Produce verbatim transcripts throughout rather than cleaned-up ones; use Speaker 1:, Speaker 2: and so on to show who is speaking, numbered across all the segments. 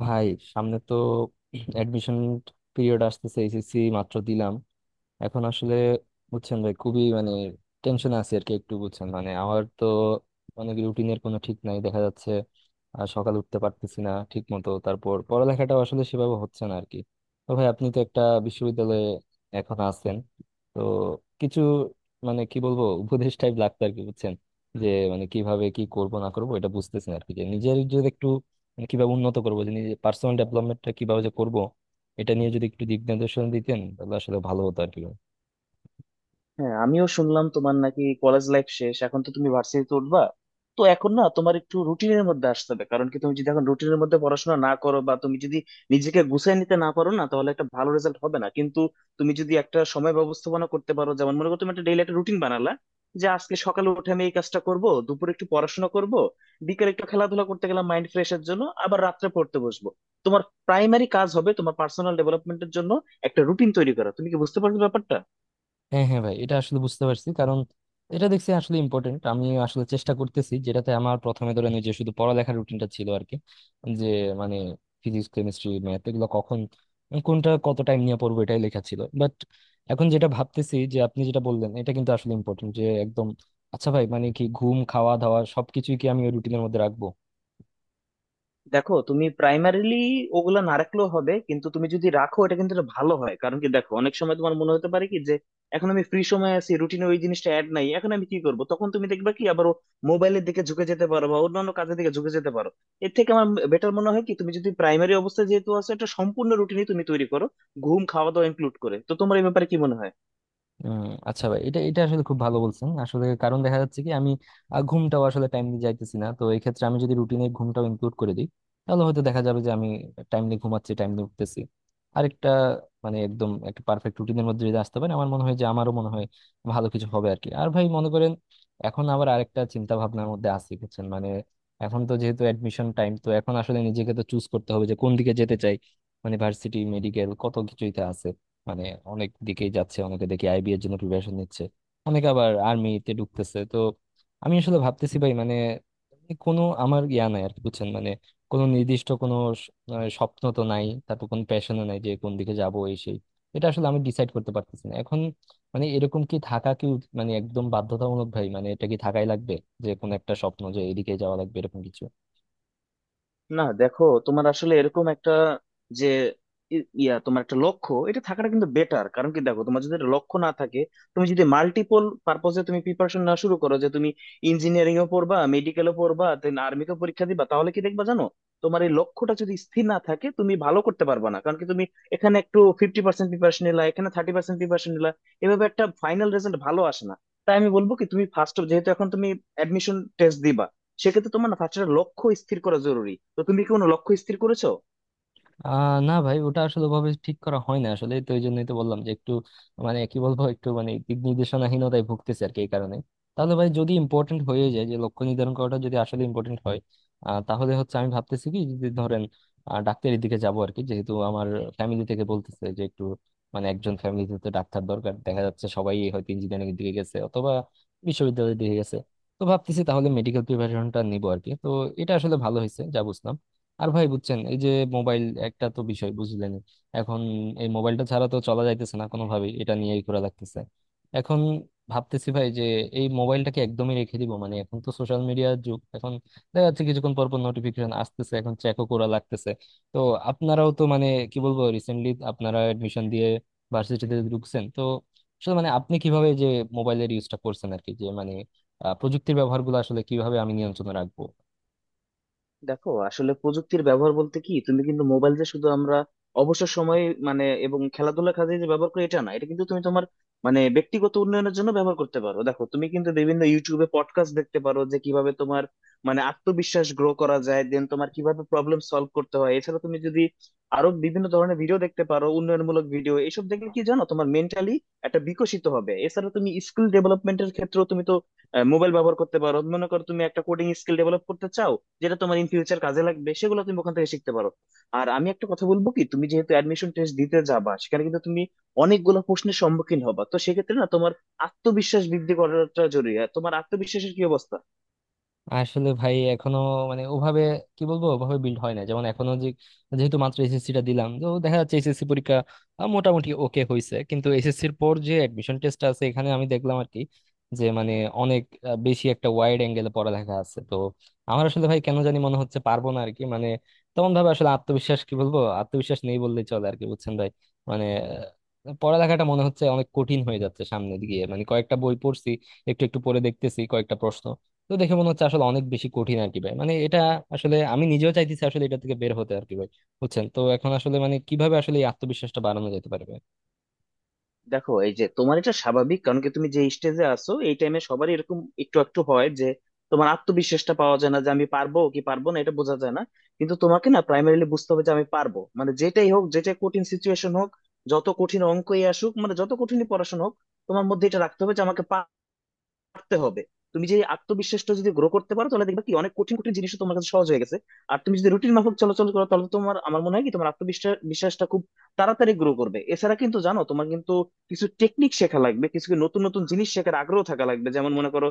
Speaker 1: ভাই, সামনে তো অ্যাডমিশন পিরিয়ড আসতেছে। এইচএসসি মাত্র দিলাম। এখন আসলে বুঝছেন ভাই, খুবই মানে টেনশন আছে আর কি একটু। বুঝছেন মানে আমার তো অনেক রুটিনের কোনো ঠিক নাই দেখা যাচ্ছে। আর সকাল উঠতে পারতেছি না ঠিক মতো, তারপর পড়ালেখাটাও আসলে সেভাবে হচ্ছে না আর কি। তো ভাই, আপনি তো একটা বিশ্ববিদ্যালয়ে এখন আছেন, তো কিছু মানে কি বলবো উপদেশ টাইপ লাগতো আর কি, বুঝছেন, যে মানে কিভাবে কি করব না করব এটা বুঝতেছি না আর কি। যে নিজের যদি একটু মানে কিভাবে উন্নত করবো, যে নিজের পার্সোনাল ডেভেলপমেন্টটা কিভাবে যে করবো, এটা নিয়ে যদি একটু দিক নির্দেশনা দিতেন তাহলে আসলে ভালো হতো আর কি।
Speaker 2: হ্যাঁ, আমিও শুনলাম তোমার নাকি কলেজ লাইফ শেষ, এখন তো তুমি ভার্সিটিতে উঠবা। তো এখন না তোমার একটু রুটিনের মধ্যে আসতে হবে। কারণ কি, তুমি যদি এখন রুটিনের মধ্যে পড়াশোনা না করো বা তুমি যদি নিজেকে গুছিয়ে নিতে না পারো না, তাহলে একটা ভালো রেজাল্ট হবে না। কিন্তু তুমি যদি একটা সময় ব্যবস্থাপনা করতে পারো, যেমন মনে করো তুমি একটা ডেইলি একটা রুটিন বানালা যে আজকে সকালে উঠে আমি এই কাজটা করব, দুপুরে একটু পড়াশোনা করব, বিকেলে একটু খেলাধুলা করতে গেলাম মাইন্ড ফ্রেশের জন্য, আবার রাত্রে পড়তে বসবো। তোমার প্রাইমারি কাজ হবে তোমার পার্সোনাল ডেভেলপমেন্টের জন্য একটা রুটিন তৈরি করা। তুমি কি বুঝতে পারছো ব্যাপারটা?
Speaker 1: হ্যাঁ হ্যাঁ ভাই, এটা আসলে বুঝতে পারছি। কারণ এটা দেখছি আসলে ইম্পর্টেন্ট। আমি আসলে চেষ্টা করতেছি, যেটাতে আমার প্রথমে ধরেন ওই যে শুধু পড়ালেখার রুটিনটা ছিল আর কি। যে মানে ফিজিক্স, কেমিস্ট্রি, ম্যাথ এগুলো কখন, কোনটা কত টাইম নিয়ে পড়বো, এটাই লেখা ছিল। বাট এখন যেটা ভাবতেছি যে আপনি যেটা বললেন এটা কিন্তু আসলে ইম্পর্টেন্ট, যে একদম আচ্ছা ভাই, মানে কি ঘুম, খাওয়া দাওয়া সবকিছুই কি আমি ওই রুটিনের মধ্যে রাখবো?
Speaker 2: দেখো, তুমি প্রাইমারিলি ওগুলা না রাখলেও হবে, কিন্তু তুমি যদি রাখো এটা কিন্তু একটা ভালো হয়। কারণ কি, দেখো অনেক সময় তোমার মনে হতে পারে কি যে এখন আমি ফ্রি সময় আছি, রুটিনে ওই জিনিসটা অ্যাড নাই, এখন আমি কি করব, তখন তুমি দেখবে কি আবার মোবাইলের দিকে ঝুঁকে যেতে পারো বা অন্যান্য কাজের দিকে ঝুঁকে যেতে পারো। এর থেকে আমার বেটার মনে হয় কি তুমি যদি প্রাইমারি অবস্থায় যেহেতু আছো, একটা সম্পূর্ণ রুটিনই তুমি তৈরি করো, ঘুম খাওয়া দাওয়া ইনক্লুড করে। তো তোমার এই ব্যাপারে কি মনে হয়?
Speaker 1: উম, আচ্ছা ভাই, এটা এটা আসলে খুব ভালো বলছেন আসলে। কারণ দেখা যাচ্ছে কি আমি আহ, ঘুমটাও আসলে টাইমলি যাইতেছি না। তো এই ক্ষেত্রে আমি যদি রুটিনে ঘুমটাও ইনক্লুড করে দিই, তাহলে হয়তো দেখা যাবে যে আমি টাইমলি ঘুমাচ্ছি, টাইমলি উঠতেছি। আরেকটা মানে একদম একটা পারফেক্ট রুটিনের মধ্যে যদি আসতে পারে আমার মনে হয় যে, আমারও মনে হয় ভালো কিছু হবে আর কি। আর ভাই মনে করেন, এখন আবার আরেকটা চিন্তা ভাবনার মধ্যে আছি বুঝছেন, মানে এখন তো যেহেতু অ্যাডমিশন টাইম, তো এখন আসলে নিজেকে তো চুজ করতে হবে যে কোন দিকে যেতে চাই। মানে ভার্সিটি, মেডিকেল কত কিছুই তো আছে। মানে অনেক দিকেই যাচ্ছে, অনেকে দেখি আইবি এর জন্য প্রিপারেশন নিচ্ছে, অনেকে আবার আর্মিতে ঢুকতেছে। তো আমি আসলে ভাবতেছি ভাই, মানে কোনো আমার ইয়া নাই আর কি, বুঝছেন মানে কোনো নির্দিষ্ট কোনো স- আহ স্বপ্ন তো নাই, তারপর কোনো প্যাশনও নাই যে কোন দিকে যাবো এই সেই। এটা আসলে আমি ডিসাইড করতে পারতেছি না এখন। মানে এরকম কি থাকা কি উচ- মানে একদম বাধ্যতামূলক ভাই, মানে এটা কি থাকাই লাগবে, যে কোনো একটা স্বপ্ন যে এদিকে যাওয়া লাগবে এরকম কিছু?
Speaker 2: না দেখো, তোমার আসলে এরকম একটা যে ই- ইয়া তোমার একটা লক্ষ্য এটা থাকাটা কিন্তু বেটার। কারণ কি, দেখো তোমার যদি একটা লক্ষ্য না থাকে, তুমি যদি মাল্টিপল পারপজে তুমি প্রিপারেশন না শুরু করো যে তুমি ইঞ্জিনিয়ারিং এও পড়বা, মেডিকেলও পড়বা, দেন আর্মিকে পরীক্ষা দিবা, তাহলে কি দেখবা জানো, তোমার এই লক্ষ্যটা যদি স্থির না থাকে তুমি ভালো করতে পারবা না। কারণ কি, তুমি এখানে একটু ফিফটি পার্সেন্ট প্রিপারেশন নিলা, এখানে থার্টি পার্সেন্ট প্রিপারেশন নিলা, এভাবে একটা ফাইনাল রেজাল্ট ভালো আসে না। তাই আমি বলবো কি, তুমি ফার্স্ট যেহেতু এখন তুমি অ্যাডমিশন টেস্ট দিবা, সেক্ষেত্রে তোমার না ফার্স্ট একটা লক্ষ্য স্থির করা জরুরি। তো তুমি কি কোনো লক্ষ্য স্থির করেছো?
Speaker 1: আহ না ভাই, ওটা আসলে ভাবে ঠিক করা হয় না আসলে। তো এই জন্যই তো বললাম যে একটু মানে কি বলবো, একটু মানে দিক নির্দেশনাহীনতায় ভুগতেছে আর কি এই কারণে। তাহলে ভাই যদি ইম্পর্টেন্ট হয়ে যায়, যে লক্ষ্য নির্ধারণ করাটা যদি আসলে ইম্পর্টেন্ট হয়, আহ, তাহলে হচ্ছে আমি ভাবতেছি কি যদি ধরেন আহ, ডাক্তারের দিকে যাবো আর কি, যেহেতু আমার ফ্যামিলি থেকে বলতেছে যে একটু মানে একজন ফ্যামিলিতে তো ডাক্তার দরকার। দেখা যাচ্ছে সবাই হয়তো ইঞ্জিনিয়ারিং এর দিকে গেছে অথবা বিশ্ববিদ্যালয়ের দিকে গেছে। তো ভাবতেছি তাহলে মেডিকেল প্রিপারেশনটা নিবো আর কি। তো এটা আসলে ভালো হয়েছে যা বুঝলাম। আর ভাই বুঝছেন, এই যে মোবাইল একটা তো বিষয় বুঝলেনই। এখন এই মোবাইলটা ছাড়া তো চলা যাইতেছে না কোনোভাবেই, এটা নিয়েই ঘোরা লাগতেছে। এখন ভাবতেছি ভাই যে এই মোবাইলটাকে একদমই রেখে দিব। মানে এখন তো সোশ্যাল মিডিয়ার যুগ, এখন দেখা যাচ্ছে কিছুক্ষণ পর পর নোটিফিকেশন আসতেছে, এখন চেকও করা লাগতেছে। তো আপনারাও তো মানে কি বলবো রিসেন্টলি আপনারা এডমিশন দিয়ে ভার্সিটিতে ঢুকছেন, তো আসলে মানে আপনি কিভাবে যে মোবাইলের ইউজটা করছেন আর কি, যে মানে আহ, প্রযুক্তির ব্যবহারগুলো আসলে কিভাবে আমি নিয়ন্ত্রণে রাখবো?
Speaker 2: দেখো, আসলে প্রযুক্তির ব্যবহার বলতে কি, তুমি কিন্তু মোবাইল যে শুধু আমরা অবসর সময়ে মানে এবং খেলাধুলার কাজে যে ব্যবহার করি এটা না, এটা কিন্তু তুমি তোমার মানে ব্যক্তিগত উন্নয়নের জন্য ব্যবহার করতে পারো। দেখো, তুমি কিন্তু বিভিন্ন ইউটিউবে পডকাস্ট দেখতে পারো যে কিভাবে তোমার মানে আত্মবিশ্বাস গ্রো করা যায়, দেন তোমার কিভাবে প্রবলেম সলভ করতে হয়। এছাড়া তুমি যদি আরো বিভিন্ন ধরনের ভিডিও দেখতে পারো, উন্নয়নমূলক ভিডিও এসব দেখলে কি জানো তোমার মেন্টালি একটা বিকশিত হবে। এছাড়া তুমি স্কিল ডেভেলপমেন্টের ক্ষেত্রেও তুমি তো মোবাইল ব্যবহার করতে পারো। মনে করো তুমি একটা কোডিং স্কিল ডেভেলপ করতে চাও, যেটা তোমার ইন ফিউচার কাজে লাগবে, সেগুলো তুমি ওখান থেকে শিখতে পারো। আর আমি একটা কথা বলবো কি, তুমি যেহেতু অ্যাডমিশন টেস্ট দিতে যাবা, সেখানে কিন্তু তুমি অনেকগুলো প্রশ্নের সম্মুখীন হবা। তো সেক্ষেত্রে না তোমার আত্মবিশ্বাস বৃদ্ধি করাটা জরুরি। আর তোমার আত্মবিশ্বাসের কি অবস্থা?
Speaker 1: আসলে ভাই এখনো মানে ওভাবে কি বলবো, ওভাবে বিল্ড হয় না। যেমন এখনো যে যেহেতু মাত্র এসএসসি টা দিলাম, তো দেখা যাচ্ছে এসএসসি পরীক্ষা আহ, মোটামুটি ওকে হয়েছে। কিন্তু এসএসসি এর পর যে অ্যাডমিশন টেস্ট আছে, এখানে আমি দেখলাম আর কি যে মানে অনেক আহ, বেশি একটা ওয়াইড অ্যাঙ্গেলে পড়ালেখা আছে। তো আমার আসলে ভাই কেন জানি মনে হচ্ছে পারবো না আর কি। মানে তেমন ভাবে আসলে আত্মবিশ্বাস কি বলবো, আত্মবিশ্বাস নেই বললেই চলে আর কি, বুঝছেন ভাই। মানে আহ, পড়ালেখাটা মনে হচ্ছে অনেক কঠিন হয়ে যাচ্ছে সামনের দিকে। মানে কয়েকটা বই পড়ছি, একটু একটু পড়ে দেখতেছি কয়েকটা প্রশ্ন, তো দেখে মনে হচ্ছে আসলে অনেক বেশি কঠিন আর কি ভাই। মানে এটা আসলে আমি নিজেও চাইতেছি আসলে এটা থেকে বের হতে আর কি ভাই, বুঝছেন। তো এখন আসলে মানে কিভাবে আসলে এই আত্মবিশ্বাসটা বাড়ানো যেতে পারবে?
Speaker 2: দেখো, এই যে তোমার এটা স্বাভাবিক। কারণ কি, তুমি যে স্টেজে আছো এই টাইমে সবারই এরকম একটু একটু হয় যে তোমার আত্মবিশ্বাসটা পাওয়া যায় না, যে আমি পারবো কি পারবো না এটা বোঝা যায় না। কিন্তু তোমাকে না প্রাইমারিলি বুঝতে হবে যে আমি পারবো, মানে যেটাই হোক, যেটাই কঠিন সিচুয়েশন হোক, যত কঠিন অঙ্কই আসুক, মানে যত কঠিনই পড়াশোনা হোক, তোমার মধ্যে এটা রাখতে হবে যে আমাকে পারতে হবে। তুমি যে এই আত্মবিশ্বাসটা যদি গ্রো করতে পারো, তাহলে দেখবে কি অনেক কঠিন কঠিন জিনিসও তোমার কাছে সহজ হয়ে গেছে। আর তুমি যদি রুটিন মাফিক চলাচল করো, তাহলে তো তোমার আমার মনে হয় কি তোমার আত্মবিশ্বাস বিশ্বাসটা খুব তাড়াতাড়ি গ্রো করবে। এছাড়া কিন্তু জানো, তোমার কিন্তু কিছু টেকনিক শেখা লাগবে, কিছু কি নতুন নতুন জিনিস শেখার আগ্রহ থাকা লাগবে। যেমন মনে করো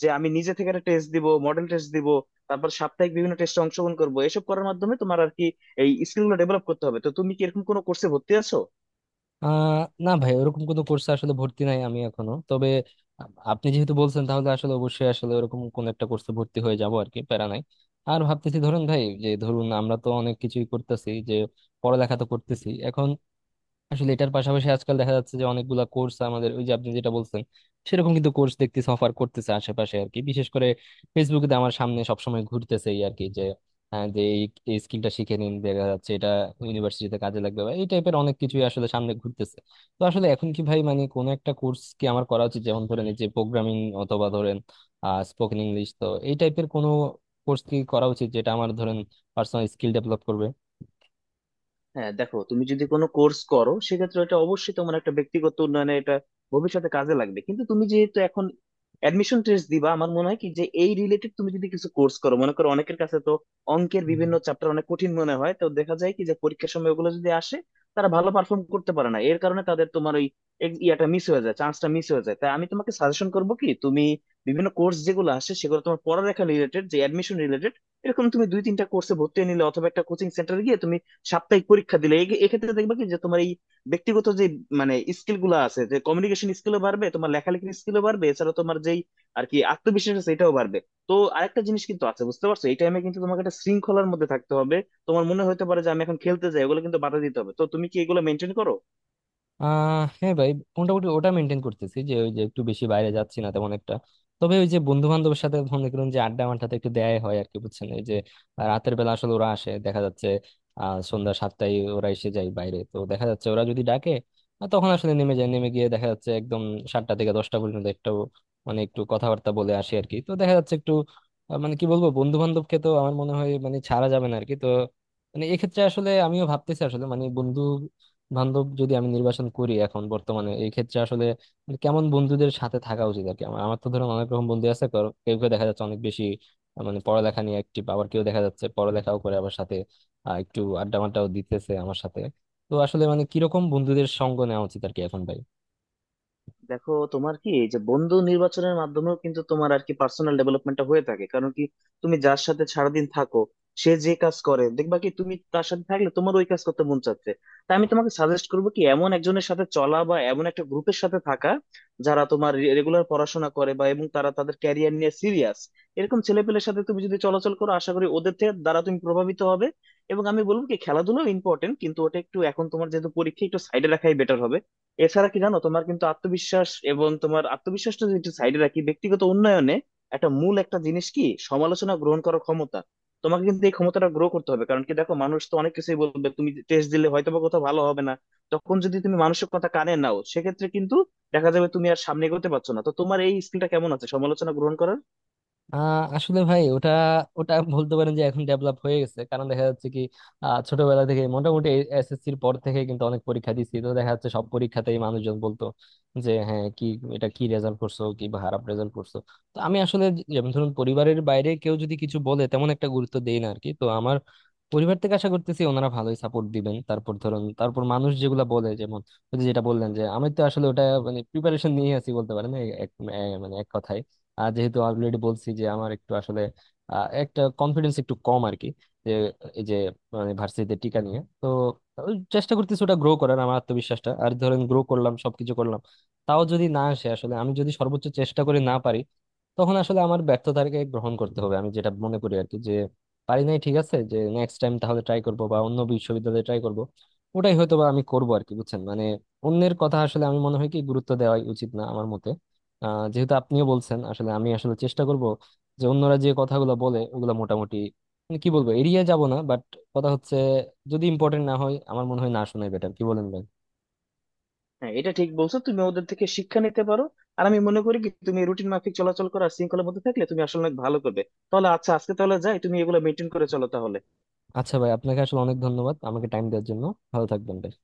Speaker 2: যে আমি নিজে থেকে একটা টেস্ট দিব, মডেল টেস্ট দিব, তারপর সাপ্তাহিক বিভিন্ন টেস্টে অংশগ্রহণ করবো, এসব করার মাধ্যমে তোমার আর কি এই স্কিল গুলো ডেভেলপ করতে হবে। তো তুমি কি এরকম কোনো কোর্সে ভর্তি আছো?
Speaker 1: আহ না ভাই, ওরকম কোনো কোর্সে আসলে ভর্তি নাই আমি এখনো। তবে আপ- আপনি যেহেতু বলছেন তাহলে আসলে অবশ্যই আসলে ওরকম কোন একটা কোর্সে ভর্তি হয়ে যাব আর কি, প্যারা নাই। আর ভাবতেছি ধরুন ভাই যে, ধরুন আমরা তো অনেক কিছুই করতেছি, যে পড়ালেখা তো করতেছি এখন। আসলে এটার পাশাপাশি আজকাল দেখা যাচ্ছে যে অনেকগুলা কোর্স আমাদের, ওই যে আপনি যেটা বলছেন সেরকম কিন্তু কোর্স দেখতেছি অফার করতেছে আশেপাশে আর কি। বিশেষ করে ফেসবুকে তো আমার সামনে সবসময় ঘুরতেছে এই আর কি, যে আহ, যে এই এই স্কিলটা শিখে নিন, দেখা যাচ্ছে এটা ইউনিভার্সিটিতে কাজে লাগবে বা এই টাইপের অনেক কিছুই আসলে সামনে ঘুরতেছে। তো আসলে এখন কি ভাই মানে কোন একটা কোর্স কি আমার করা উচিত, যেমন ধরেন এই যে প্রোগ্রামিং অথবা ধরেন আহ স্পোকেন ইংলিশ, তো এই টাইপের কোনো কোর্স কি করা উচিত যেটা আমার ধরেন পার্সোনাল স্কিল ডেভেলপ করবে?
Speaker 2: হ্যাঁ, দেখো তুমি যদি কোনো কোর্স করো সেক্ষেত্রে এটা অবশ্যই তোমার একটা ব্যক্তিগত উন্নয়নে এটা ভবিষ্যতে কাজে লাগবে। কিন্তু তুমি যেহেতু এখন অ্যাডমিশন টেস্ট দিবা, আমার মনে হয় কি যে এই রিলেটেড তুমি যদি কিছু কোর্স করো। মনে করো অনেকের কাছে তো অঙ্কের বিভিন্ন চ্যাপ্টার অনেক কঠিন মনে হয়, তো দেখা যায় কি যে পরীক্ষার সময় ওগুলো যদি আসে তারা ভালো পারফর্ম করতে পারে না। এর কারণে তাদের তোমার ওই ex- ইয়াটা মিস হয়ে যায়, চান্সটা মিস হয়ে যায়। তাই আমি তোমাকে সাজেশন করবো কি তুমি বিভিন্ন কোর্স যেগুলো আসে সেগুলো তোমার পড়ালেখা রিলেটেড যে অ্যাডমিশন রিলেটেড, এরকম তুমি দুই তিনটা কোর্সে ভর্তি হয়ে নিলে অথবা একটা কোচিং সেন্টারে গিয়ে তুমি সাপ্তাহিক পরীক্ষা দিলে এ- এক্ষেত্রে দেখবা কি যে তোমার এই ব্যক্তিগত যে মানে স্কিল গুলো আছে যে কমিউনিকেশন স্কিলও বাড়বে, তোমার লেখালেখির স্কিলও বাড়বে, এছাড়া তোমার যেই আর কি আত্মবিশ্বাস আছে এটাও বাড়বে। তো আরেকটা জিনিস কিন্তু আছে, বুঝতে পারছো, এই টাইমে কিন্তু তোমাকে একটা শৃঙ্খলার মধ্যে থাকতে হবে। তোমার মনে হতে পারে যে আমি এখন খেলতে যাই, ওগুলো কিন্তু বাধা দিতে হবে। তো তুমি কি এগুলো মেনটেন করো?
Speaker 1: আহ হ্যাঁ ভাই, মোটামুটি ওটা মেনটেন করতেছি। যে ওই যে একটু বেশি বাইরে যাচ্ছি না তেমন একটা। তবে ওই যে বন্ধু বান্ধবের সাথে মনে করুন যে আড্ডা মাড্ডাতে একটু দেয়াই হয় আর কি, বুঝছেন। এই যে আহ, রাতের বেলা আসলে ওরা আসে দেখা যাচ্ছে, আহ সন্ধ্যা সাতটায় ওরা এসে যায় বাইরে। তো দেখা যাচ্ছে ওরা যদি ডাকে আহ, তখন আসলে নেমে যায়। নেমে গিয়ে দেখা যাচ্ছে একদম সাতটা থেকে দশটা পর্যন্ত একটু মানে একটু কথাবার্তা বলে আসি আর কি। তো দেখা যাচ্ছে একটু আহ, মানে কি বলবো বন্ধু বান্ধবকে তো আমার মনে হয় মানে ছাড়া যাবে না আর কি। তো মানে এক্ষেত্রে আসলে আমিও ভাবতেছি আসলে মানে বন্ধু বান্ধব যদি আমি নির্বাচন করি এখন বর্তমানে, এই ক্ষেত্রে আসলে মানে কেমন বন্ধুদের সাথে থাকা উচিত আর কি। আমার আমার তো ধরুন অনেক রকম বন্ধু আছে। কারো- কেউ কেউ দেখা যাচ্ছে অনেক বেশি আহ, মানে পড়ালেখা নিয়ে অ্যাক্টিভ, আবার কেউ দেখা যাচ্ছে পড়ালেখাও করে আবার সাথে আহ, একটু আড্ডা মাড্ডাও দিতেছে আমার সাথে। তো আসলে মানে কিরকম বন্ধুদের সঙ্গ নেওয়া উচিত আর কি এখন ভাই?
Speaker 2: দেখো তোমার কি এই যে বন্ধু নির্বাচনের মাধ্যমেও কিন্তু তোমার আর কি পার্সোনাল ডেভেলপমেন্টটা হয়ে থাকে। কারণ কি, তুমি যার সাথে সারাদিন থাকো সে যে কাজ করে দেখবা কি তুমি তার সাথে থাকলে তোমার ওই কাজ করতে মন চাচ্ছে। তাই আমি তোমাকে সাজেস্ট করবো কি এমন একজনের সাথে চলা বা এমন একটা গ্রুপের সাথে থাকা যারা তোমার রেগুলার পড়াশোনা করে বা এবং তারা তাদের ক্যারিয়ার নিয়ে সিরিয়াস। এরকম ছেলেপেলের সাথে তুমি যদি চলাচল করো, আশা করি ওদের থেকে দ্বারা তুমি প্রভাবিত হবে। এবং আমি বলবো কি খেলাধুলো ইম্পর্টেন্ট, কিন্তু ওটা একটু এখন তোমার যেহেতু পরীক্ষা, একটু সাইডে রাখাই বেটার হবে। এছাড়া কি জানো, তোমার কিন্তু আত্মবিশ্বাস, এবং তোমার আত্মবিশ্বাসটা যদি একটু সাইডে রাখি, ব্যক্তিগত উন্নয়নে একটা মূল একটা জিনিস কি, সমালোচনা গ্রহণ করার ক্ষমতা। তোমাকে কিন্তু এই ক্ষমতাটা গ্রো করতে হবে। কারণ কি, দেখো মানুষ তো অনেক কিছুই বলবে, তুমি টেস্ট দিলে হয়তো বা কোথাও ভালো হবে না, তখন যদি তুমি মানুষের কথা কানে নাও সেক্ষেত্রে কিন্তু দেখা যাবে তুমি আর সামনে এগোতে পারছো না। তো তোমার এই স্কিলটা কেমন আছে সমালোচনা গ্রহণ করার?
Speaker 1: আহ আসলে ভাই ওটা, ওটা বলতে পারেন যে এখন ডেভেলপ হয়ে গেছে। কারণ দেখা যাচ্ছে কি আহ, ছোটবেলা থেকে মোটামুটি এসএসসির পর থেকে কিন্তু অনেক পরীক্ষা দিছি, তো দেখা যাচ্ছে সব পরীক্ষাতেই মানুষজন বলতো যে হ্যাঁ কি এটা কি রেজাল্ট করছো, কি খারাপ রেজাল্ট করছো। তো আমি আসলে যেমন ধরুন পরিবারের বাইরে কেউ যদি কিছু বলে তেমন একটা গুরুত্ব দেই না আর কি। তো আমার পরিবার থেকে আশা করতেছি ওনারা ভালোই সাপোর্ট দিবেন। তারপর ধরুন তারপর মানুষ যেগুলা বলে, যেমন ওই যে যেটা বললেন, যে আমি তো আসলে ওটা মানে প্রিপারেশন নিয়ে আছি বলতে পারেন এই এক- এ- মানে এক কথায়। আর যেহেতু অলরেডি বলছি যে আমার একটু আসলে আহ, একটা কনফিডেন্স একটু কম আর কি। যে এই যে মানে ভার্সিটিতে টিকা নিয়ে তো ওই চেষ্টা করতেছি ওটা গ্রো করার, আমার আত্মবিশ্বাসটা। আর ধরেন গ্রো করলাম, সবকিছু করলাম, তাও যদি না আসে আসলে, আমি যদি সর্বোচ্চ চেষ্টা করে না পারি, তখন আসলে আমার ব্যর্থতাকে গ্রহণ করতে হবে, আমি যেটা মনে করি আর কি। যে পারি নাই ঠিক আছে, যে নেক্সট টাইম তাহলে ট্রাই করব বা অন্য বিশ্ববিদ্যালয়ে ট্রাই করব, ওটাই হয়তো বা আমি করব আর কি, বুঝছেন মানে। অন্যের কথা আসলে আমি মনে হয় কি গুরুত্ব দেওয়াই উচিত না আমার মতে। আহ যেহেতু আপনিও বলছেন আসলে আমি আসলে চেষ্টা করব, যে অন্যরা যে কথাগুলো বলে ওগুলো মোটামুটি মানে কি বলবো এড়িয়ে যাব না। বাট কথা হচ্ছে যদি ইম্পর্টেন্ট না হয় আমার মনে হয় না শোনাই বেটার, কি বলেন ভাই?
Speaker 2: হ্যাঁ, এটা ঠিক বলছো, তুমি ওদের থেকে শিক্ষা নিতে পারো। আর আমি মনে করি কি তুমি রুটিন মাফিক চলাচল করা শৃঙ্খলার মধ্যে থাকলে তুমি আসলে অনেক ভালো করবে। তাহলে আচ্ছা, আজকে তাহলে যাই, তুমি এগুলো মেনটেন করে চলো তাহলে।
Speaker 1: আচ্ছা ভাই, আপনাকে আসলে অনেক ধন্যবাদ আমাকে টাইম দেওয়ার জন্য। ভালো থাকবেন ভাই।